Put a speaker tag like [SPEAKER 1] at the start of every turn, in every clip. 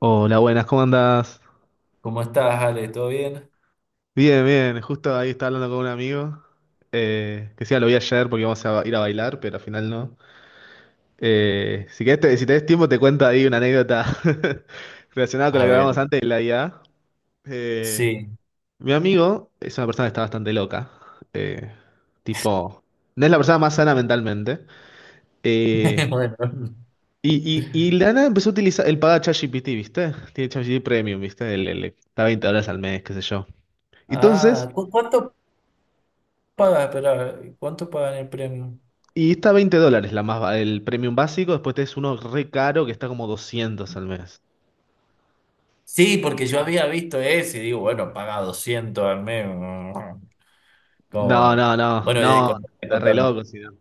[SPEAKER 1] Hola, buenas, ¿cómo andás?
[SPEAKER 2] ¿Cómo estás, Ale? ¿Todo bien?
[SPEAKER 1] Bien, bien, justo ahí estaba hablando con un amigo, que sí, lo vi ayer porque íbamos a ir a bailar, pero al final no. Si querés, si tenés tiempo, te cuento ahí una anécdota relacionada con lo
[SPEAKER 2] A
[SPEAKER 1] que hablábamos
[SPEAKER 2] ver,
[SPEAKER 1] antes de la IA. Eh,
[SPEAKER 2] sí,
[SPEAKER 1] Mi amigo es una persona que está bastante loca, eh, tipo, no es la persona más sana mentalmente. eh,
[SPEAKER 2] bueno.
[SPEAKER 1] y la nada empezó a utilizar, él paga ChatGPT, ¿viste? Tiene ChatGPT Premium, ¿viste? El, está $20 al mes, qué sé yo. Entonces,
[SPEAKER 2] Ah, ¿cuánto pagas? Espera, ¿cuánto pagan el premio?
[SPEAKER 1] y está 20 dólares la más, el premium básico, después tenés uno re caro que está como 200 al mes.
[SPEAKER 2] Sí, porque yo había visto ese y digo, bueno, paga 200 al mes.
[SPEAKER 1] No,
[SPEAKER 2] Como,
[SPEAKER 1] no, no,
[SPEAKER 2] bueno, y
[SPEAKER 1] no,
[SPEAKER 2] contame,
[SPEAKER 1] está re
[SPEAKER 2] contame.
[SPEAKER 1] loco, si no.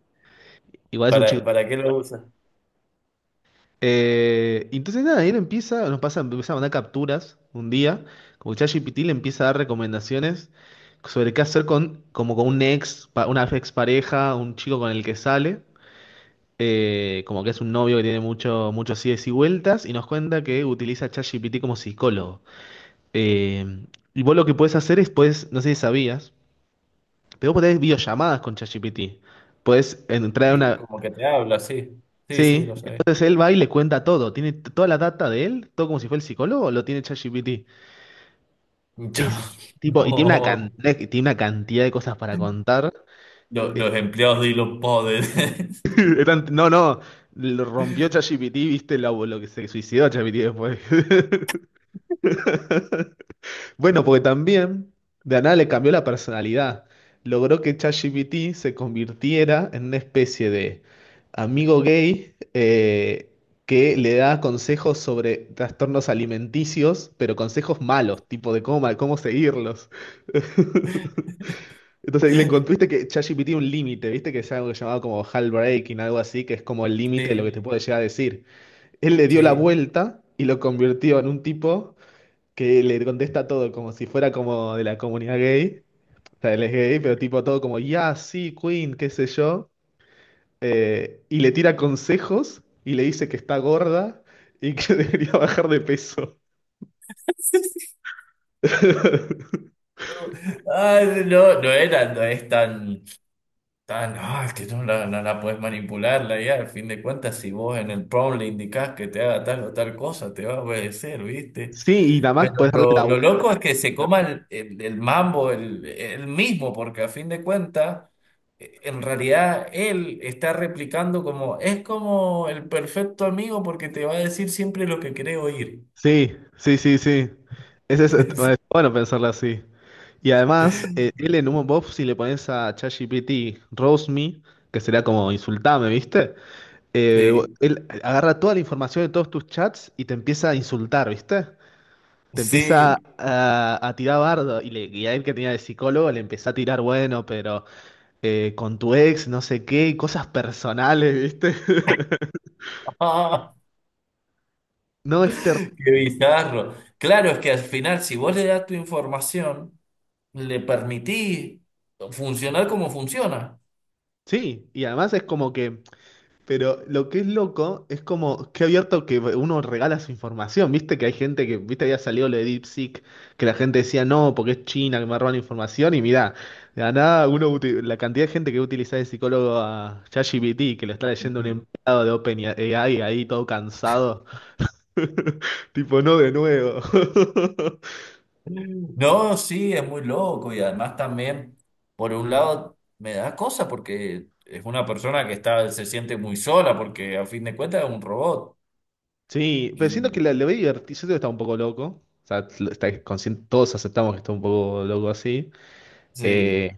[SPEAKER 1] Igual es un chico.
[SPEAKER 2] ¿Para qué lo usas?
[SPEAKER 1] Entonces nada, él empieza, nos pasa, empieza a mandar capturas un día, como ChatGPT le empieza a dar recomendaciones sobre qué hacer con, como con un ex, una ex pareja, un chico con el que sale, como que es un novio que tiene muchos ides y vueltas, y nos cuenta que utiliza ChatGPT como psicólogo. Eh, y vos lo que puedes hacer es, puedes, no sé si sabías, pero vos podés hacer videollamadas con ChatGPT. Puedes entrar a
[SPEAKER 2] Sí,
[SPEAKER 1] una...
[SPEAKER 2] como que te habla, sí. Sí, sí,
[SPEAKER 1] Sí,
[SPEAKER 2] lo sabía.
[SPEAKER 1] entonces él va y le cuenta todo. Tiene toda la data de él, todo como si fuera el psicólogo, lo tiene ChatGPT. Es tipo, y tiene una cantidad de cosas para contar.
[SPEAKER 2] No, los empleados de Elon Poders.
[SPEAKER 1] No, no, lo rompió ChatGPT, viste lo que se suicidó ChatGPT después. Bueno, porque también de la nada le cambió la personalidad. Logró que ChatGPT se convirtiera en una especie de amigo gay, que le da consejos sobre trastornos alimenticios, pero consejos malos, tipo de cómo, cómo seguirlos. Entonces le encontraste que ChatGPT un límite, viste que es algo que llamaba como breaking, algo así, que es como el límite de lo que
[SPEAKER 2] Sí,
[SPEAKER 1] te puede llegar a decir. Él le dio la
[SPEAKER 2] sí.
[SPEAKER 1] vuelta y lo convirtió en un tipo que le contesta todo como si fuera como de la comunidad gay. O sea, él es gay, pero tipo todo como, ya, sí, Queen, qué sé yo. Y le tira consejos y le dice que está gorda y que debería bajar de peso.
[SPEAKER 2] Ay, no, no era, no es tan. Ah, no, es que no la puedes manipular la IA. Al fin de cuentas, si vos en el prompt le indicás que te haga tal o tal cosa, te va a obedecer, ¿viste?
[SPEAKER 1] Sí, y nada más
[SPEAKER 2] Pero
[SPEAKER 1] puedes darle
[SPEAKER 2] lo,
[SPEAKER 1] la
[SPEAKER 2] lo
[SPEAKER 1] vuelta a
[SPEAKER 2] loco
[SPEAKER 1] la
[SPEAKER 2] es que se
[SPEAKER 1] justificación.
[SPEAKER 2] coma el mambo el mismo, porque a fin de cuentas, en realidad él está replicando como, es como el perfecto amigo porque te va a decir siempre lo que querés oír.
[SPEAKER 1] Sí, sí, sí, sí. Ese es, bueno, es bueno pensarlo así. Y además, él en un box si le pones a ChatGPT, roast me, que sería como insultame, ¿viste? eh,
[SPEAKER 2] Sí,
[SPEAKER 1] Él agarra toda la información de todos tus chats y te empieza a insultar, ¿viste? Te empieza
[SPEAKER 2] sí.
[SPEAKER 1] a tirar bardo y, le, y a él que tenía de psicólogo le empezó a tirar, bueno, pero con tu ex, no sé qué, y cosas personales, ¿viste? No es terrible.
[SPEAKER 2] Qué bizarro. Claro, es que al final, si vos le das tu información, le permití funcionar como funciona.
[SPEAKER 1] Sí, y además es como que pero lo que es loco es como que abierto que uno regala su información. Viste que hay gente que, viste, había salido lo de DeepSeek, que la gente decía no, porque es China que me roban información. Y mirá, de la nada, uno, la cantidad de gente que utiliza de psicólogo a ChatGPT, que lo está leyendo un
[SPEAKER 2] Ujú.
[SPEAKER 1] empleado de OpenAI ahí todo cansado. Tipo, no de nuevo.
[SPEAKER 2] No, sí, es muy loco y además también, por un lado, me da cosa porque es una persona que está, se siente muy sola porque a fin de cuentas es un robot
[SPEAKER 1] Sí, pero siento que
[SPEAKER 2] y
[SPEAKER 1] lo veo divertido. Siento que está un poco loco. O sea, está consciente, todos aceptamos que está un poco loco así.
[SPEAKER 2] sí,
[SPEAKER 1] eh,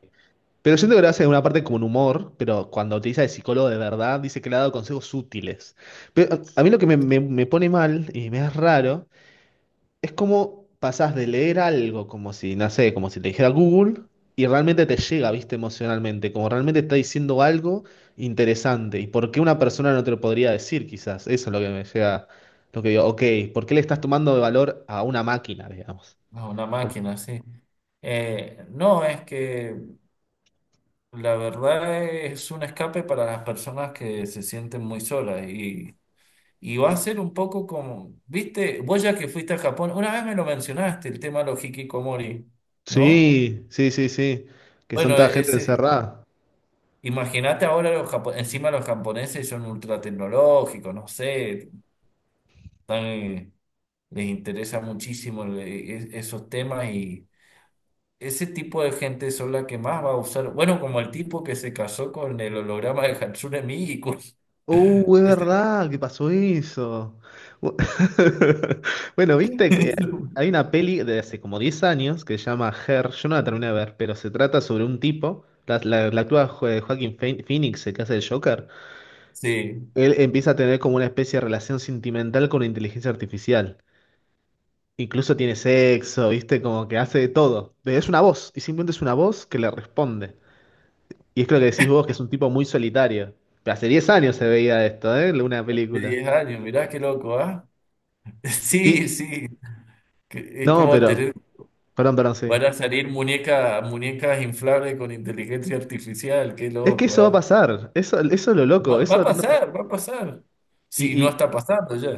[SPEAKER 1] Pero siento que lo hace de una parte como un humor, pero cuando utiliza de psicólogo de verdad, dice que le ha dado consejos útiles. Pero a mí lo que me, me pone mal y me es raro es cómo pasás de leer algo como si, no sé, como si te dijera Google y realmente te llega, viste, emocionalmente, como realmente está diciendo algo interesante y por qué una persona no te lo podría decir, quizás. Eso es lo que me llega, lo que digo, ok, ¿por qué le estás tomando de valor a una máquina, digamos?
[SPEAKER 2] es una
[SPEAKER 1] Como-
[SPEAKER 2] máquina, sí. No, es que la verdad es un escape para las personas que se sienten muy solas. Y va a ser un poco como, viste, vos ya que fuiste a Japón, una vez me lo mencionaste, el tema de los hikikomori, ¿no?
[SPEAKER 1] sí, sí, sí, sí, que son
[SPEAKER 2] Bueno,
[SPEAKER 1] toda gente
[SPEAKER 2] ese,
[SPEAKER 1] encerrada.
[SPEAKER 2] imagínate ahora los encima los japoneses son ultra tecnológicos, no sé, tan, les interesa muchísimo esos temas y ese tipo de gente son la que más va a usar, bueno, como el tipo que se casó con el holograma de Hatsune Miku.
[SPEAKER 1] Es
[SPEAKER 2] Ese-
[SPEAKER 1] verdad que pasó eso. Bu- bueno, viste que hay una peli de hace como 10 años que se llama Her. Yo no la terminé de ver, pero se trata sobre un tipo. La actúa Joaquin Phoenix, el que hace el Joker.
[SPEAKER 2] Sí,
[SPEAKER 1] Él empieza a tener como una especie de relación sentimental con la inteligencia artificial. Incluso tiene sexo, viste, como que hace de todo. Pero es una voz, y simplemente es una voz que le responde. Y es que lo que decís vos, que es un tipo muy solitario. Pero hace 10 años se veía esto, ¿eh? Una
[SPEAKER 2] de
[SPEAKER 1] película.
[SPEAKER 2] 10 años, mirá qué loco, ¿ah? Sí,
[SPEAKER 1] Sí,
[SPEAKER 2] sí. Que es
[SPEAKER 1] no,
[SPEAKER 2] como
[SPEAKER 1] pero,
[SPEAKER 2] tener,
[SPEAKER 1] perdón, perdón, sí.
[SPEAKER 2] van a salir muñecas inflables con inteligencia artificial, qué
[SPEAKER 1] Es que
[SPEAKER 2] loco,
[SPEAKER 1] eso va a
[SPEAKER 2] ah.
[SPEAKER 1] pasar, eso es lo loco,
[SPEAKER 2] Va
[SPEAKER 1] eso va
[SPEAKER 2] a
[SPEAKER 1] a tener-
[SPEAKER 2] pasar, va a pasar.
[SPEAKER 1] Y,
[SPEAKER 2] Sí, no,
[SPEAKER 1] y,
[SPEAKER 2] está pasando ya.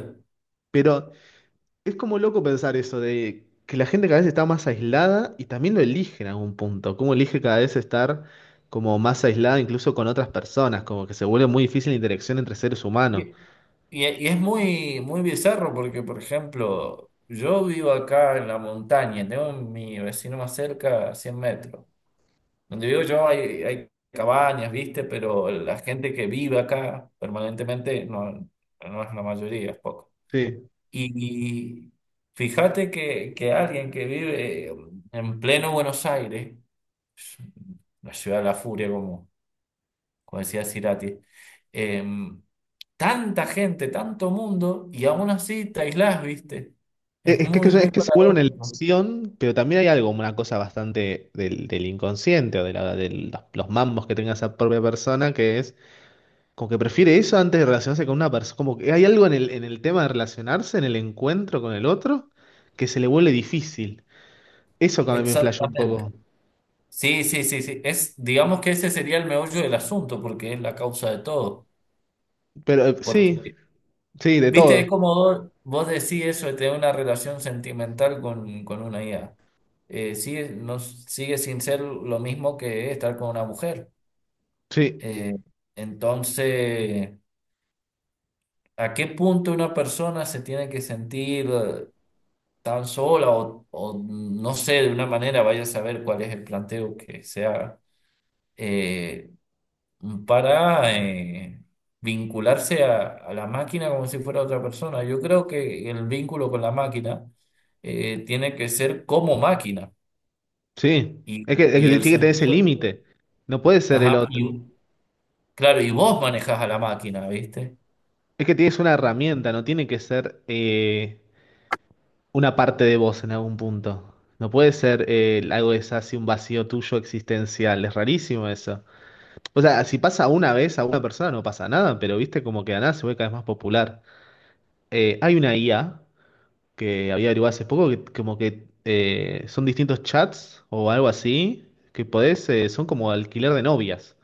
[SPEAKER 1] pero es como loco pensar eso, de que la gente cada vez está más aislada y también lo elige en algún punto, como elige cada vez estar como más aislada incluso con otras personas, como que se vuelve muy difícil la interacción entre seres
[SPEAKER 2] Y,
[SPEAKER 1] humanos.
[SPEAKER 2] y es muy bizarro porque, por ejemplo, yo vivo acá en la montaña, tengo mi vecino más cerca a 100 metros. Donde vivo yo hay, hay cabañas, ¿viste? Pero la gente que vive acá permanentemente no, no es la mayoría, es poco.
[SPEAKER 1] Sí.
[SPEAKER 2] Y fíjate que alguien que vive en pleno Buenos Aires, la ciudad de la furia, como, como decía Cirati, em, tanta gente, tanto mundo, y aún así te aislás, ¿viste? Es
[SPEAKER 1] Es es
[SPEAKER 2] muy
[SPEAKER 1] que se vuelve una
[SPEAKER 2] paradójico.
[SPEAKER 1] elección, pero también hay algo, una cosa bastante del, del inconsciente o de, de los mambos que tenga esa propia persona, que es como que prefiere eso antes de relacionarse con una persona. Como que hay algo en el tema de relacionarse, en el encuentro con el otro, que se le vuelve difícil. Eso también me flasheó un
[SPEAKER 2] Exactamente.
[SPEAKER 1] poco.
[SPEAKER 2] Sí, sí, sí, sí. Es, digamos que ese sería el meollo del asunto, porque es la causa de todo.
[SPEAKER 1] Pero
[SPEAKER 2] Porque
[SPEAKER 1] sí, sí, de
[SPEAKER 2] viste,
[SPEAKER 1] todo.
[SPEAKER 2] es como vos decís eso de tener una relación sentimental con una IA. No, sigue sin ser lo mismo que estar con una mujer.
[SPEAKER 1] Sí,
[SPEAKER 2] Eh, entonces, ¿a qué punto una persona se tiene que sentir tan sola o no sé, de una manera, vaya a saber cuál es el planteo que se haga? Eh, para vincularse a la máquina como si fuera otra persona. Yo creo que el vínculo con la máquina tiene que ser como máquina
[SPEAKER 1] sí.
[SPEAKER 2] y,
[SPEAKER 1] Es que
[SPEAKER 2] y
[SPEAKER 1] tiene
[SPEAKER 2] el
[SPEAKER 1] que tener ese
[SPEAKER 2] sentido,
[SPEAKER 1] límite. No puede ser el
[SPEAKER 2] ajá,
[SPEAKER 1] otro.
[SPEAKER 2] y claro, y vos manejás a la máquina, ¿viste?
[SPEAKER 1] Es que tienes una herramienta, no tiene que ser, una parte de vos en algún punto. No puede ser, algo que es así, un vacío tuyo existencial. Es rarísimo eso. O sea, si pasa una vez a una persona no pasa nada, pero viste como que de la nada se vuelve cada vez más popular. Hay una IA que había averiguado hace poco que como que, son distintos chats o algo así que podés, son como alquiler de novias.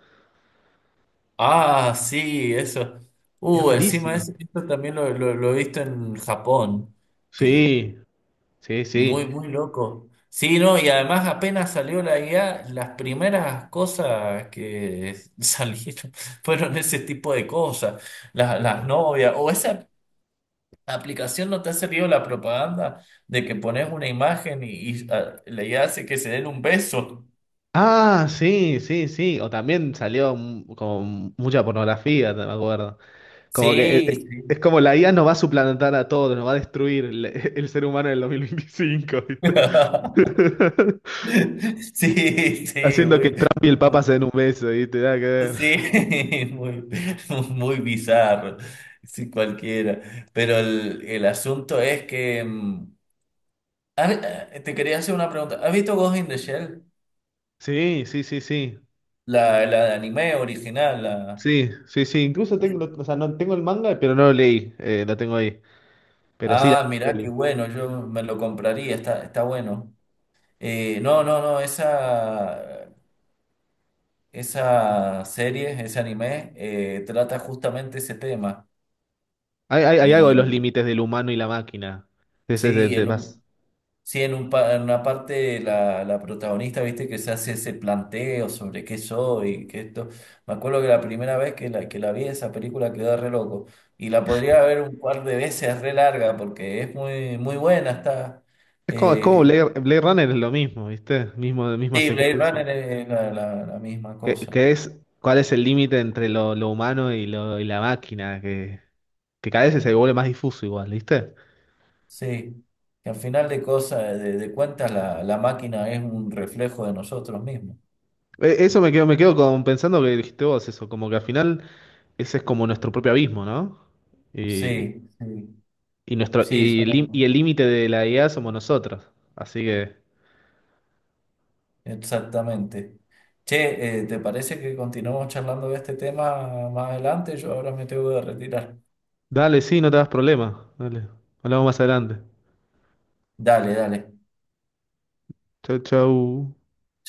[SPEAKER 2] Ah, sí, eso.
[SPEAKER 1] Es oh,
[SPEAKER 2] Encima
[SPEAKER 1] rarísimo.
[SPEAKER 2] eso, esto también lo he visto en Japón, que,
[SPEAKER 1] Sí, sí,
[SPEAKER 2] muy,
[SPEAKER 1] sí.
[SPEAKER 2] muy loco. Sí, no, y además apenas salió la IA, las primeras cosas que salieron fueron ese tipo de cosas, las novias, o esa aplicación no te ha servido la propaganda de que pones una imagen y, ah, la IA hace que se den un beso.
[SPEAKER 1] Ah, sí, sí, sí. O también salió como mucha pornografía, te me acuerdo. Como que
[SPEAKER 2] Sí,
[SPEAKER 1] es,
[SPEAKER 2] sí.
[SPEAKER 1] como la IA nos va a suplantar a todos, nos va a destruir el, el ser humano en el 2025, ¿viste?
[SPEAKER 2] Sí, sí,
[SPEAKER 1] Haciendo que
[SPEAKER 2] muy.
[SPEAKER 1] Trump y el Papa se den un beso y te da que ver.
[SPEAKER 2] Sí, muy, muy bizarro, sí, cualquiera. Pero el asunto es que mm, te quería hacer una pregunta. ¿Has visto Ghost in the Shell?
[SPEAKER 1] Sí, sí, sí, sí.
[SPEAKER 2] La de anime original. La...
[SPEAKER 1] Sí, sí, sí. Incluso tengo, o sea, no tengo el manga, pero no lo leí. Lo tengo ahí. Pero sí la
[SPEAKER 2] Ah, mirá, qué
[SPEAKER 1] peli.
[SPEAKER 2] bueno, yo me lo compraría, está, está bueno. No, esa, esa serie, ese anime, trata justamente ese tema.
[SPEAKER 1] Hay algo de los
[SPEAKER 2] Y
[SPEAKER 1] límites del humano y la máquina.
[SPEAKER 2] sí,
[SPEAKER 1] Es
[SPEAKER 2] en
[SPEAKER 1] más-
[SPEAKER 2] un... Sí, en un en una parte la, la protagonista, viste, que se hace ese planteo sobre qué soy, qué esto. Me acuerdo que la primera vez que que la vi esa película quedé re loco. Y la podría ver un par de veces re larga porque es muy, muy buena, está.
[SPEAKER 1] es como
[SPEAKER 2] eh,
[SPEAKER 1] Blade, Blade Runner es lo mismo, ¿viste? Mismo, misma
[SPEAKER 2] sí, Blade
[SPEAKER 1] secuencia.
[SPEAKER 2] Runner es la, la misma cosa.
[SPEAKER 1] Que es cuál es el límite entre lo humano y, lo, y la máquina, que cada vez se vuelve más difuso igual, ¿viste?
[SPEAKER 2] Sí. Que al final de cosas, de cuentas, la máquina es un reflejo de nosotros mismos.
[SPEAKER 1] Eso me quedo con, pensando que dijiste vos eso, como que al final ese es como nuestro propio abismo, ¿no? Y,
[SPEAKER 2] Sí, sí.
[SPEAKER 1] y nuestro,
[SPEAKER 2] Sí,
[SPEAKER 1] y, el
[SPEAKER 2] somos.
[SPEAKER 1] y el límite de la IA somos nosotros. Así que,
[SPEAKER 2] Exactamente. Che, ¿te parece que continuemos charlando de este tema más adelante? Yo ahora me tengo que retirar.
[SPEAKER 1] dale, sí, no te das problema. Dale, hablamos más adelante.
[SPEAKER 2] Dale, dale.
[SPEAKER 1] Chau, chau.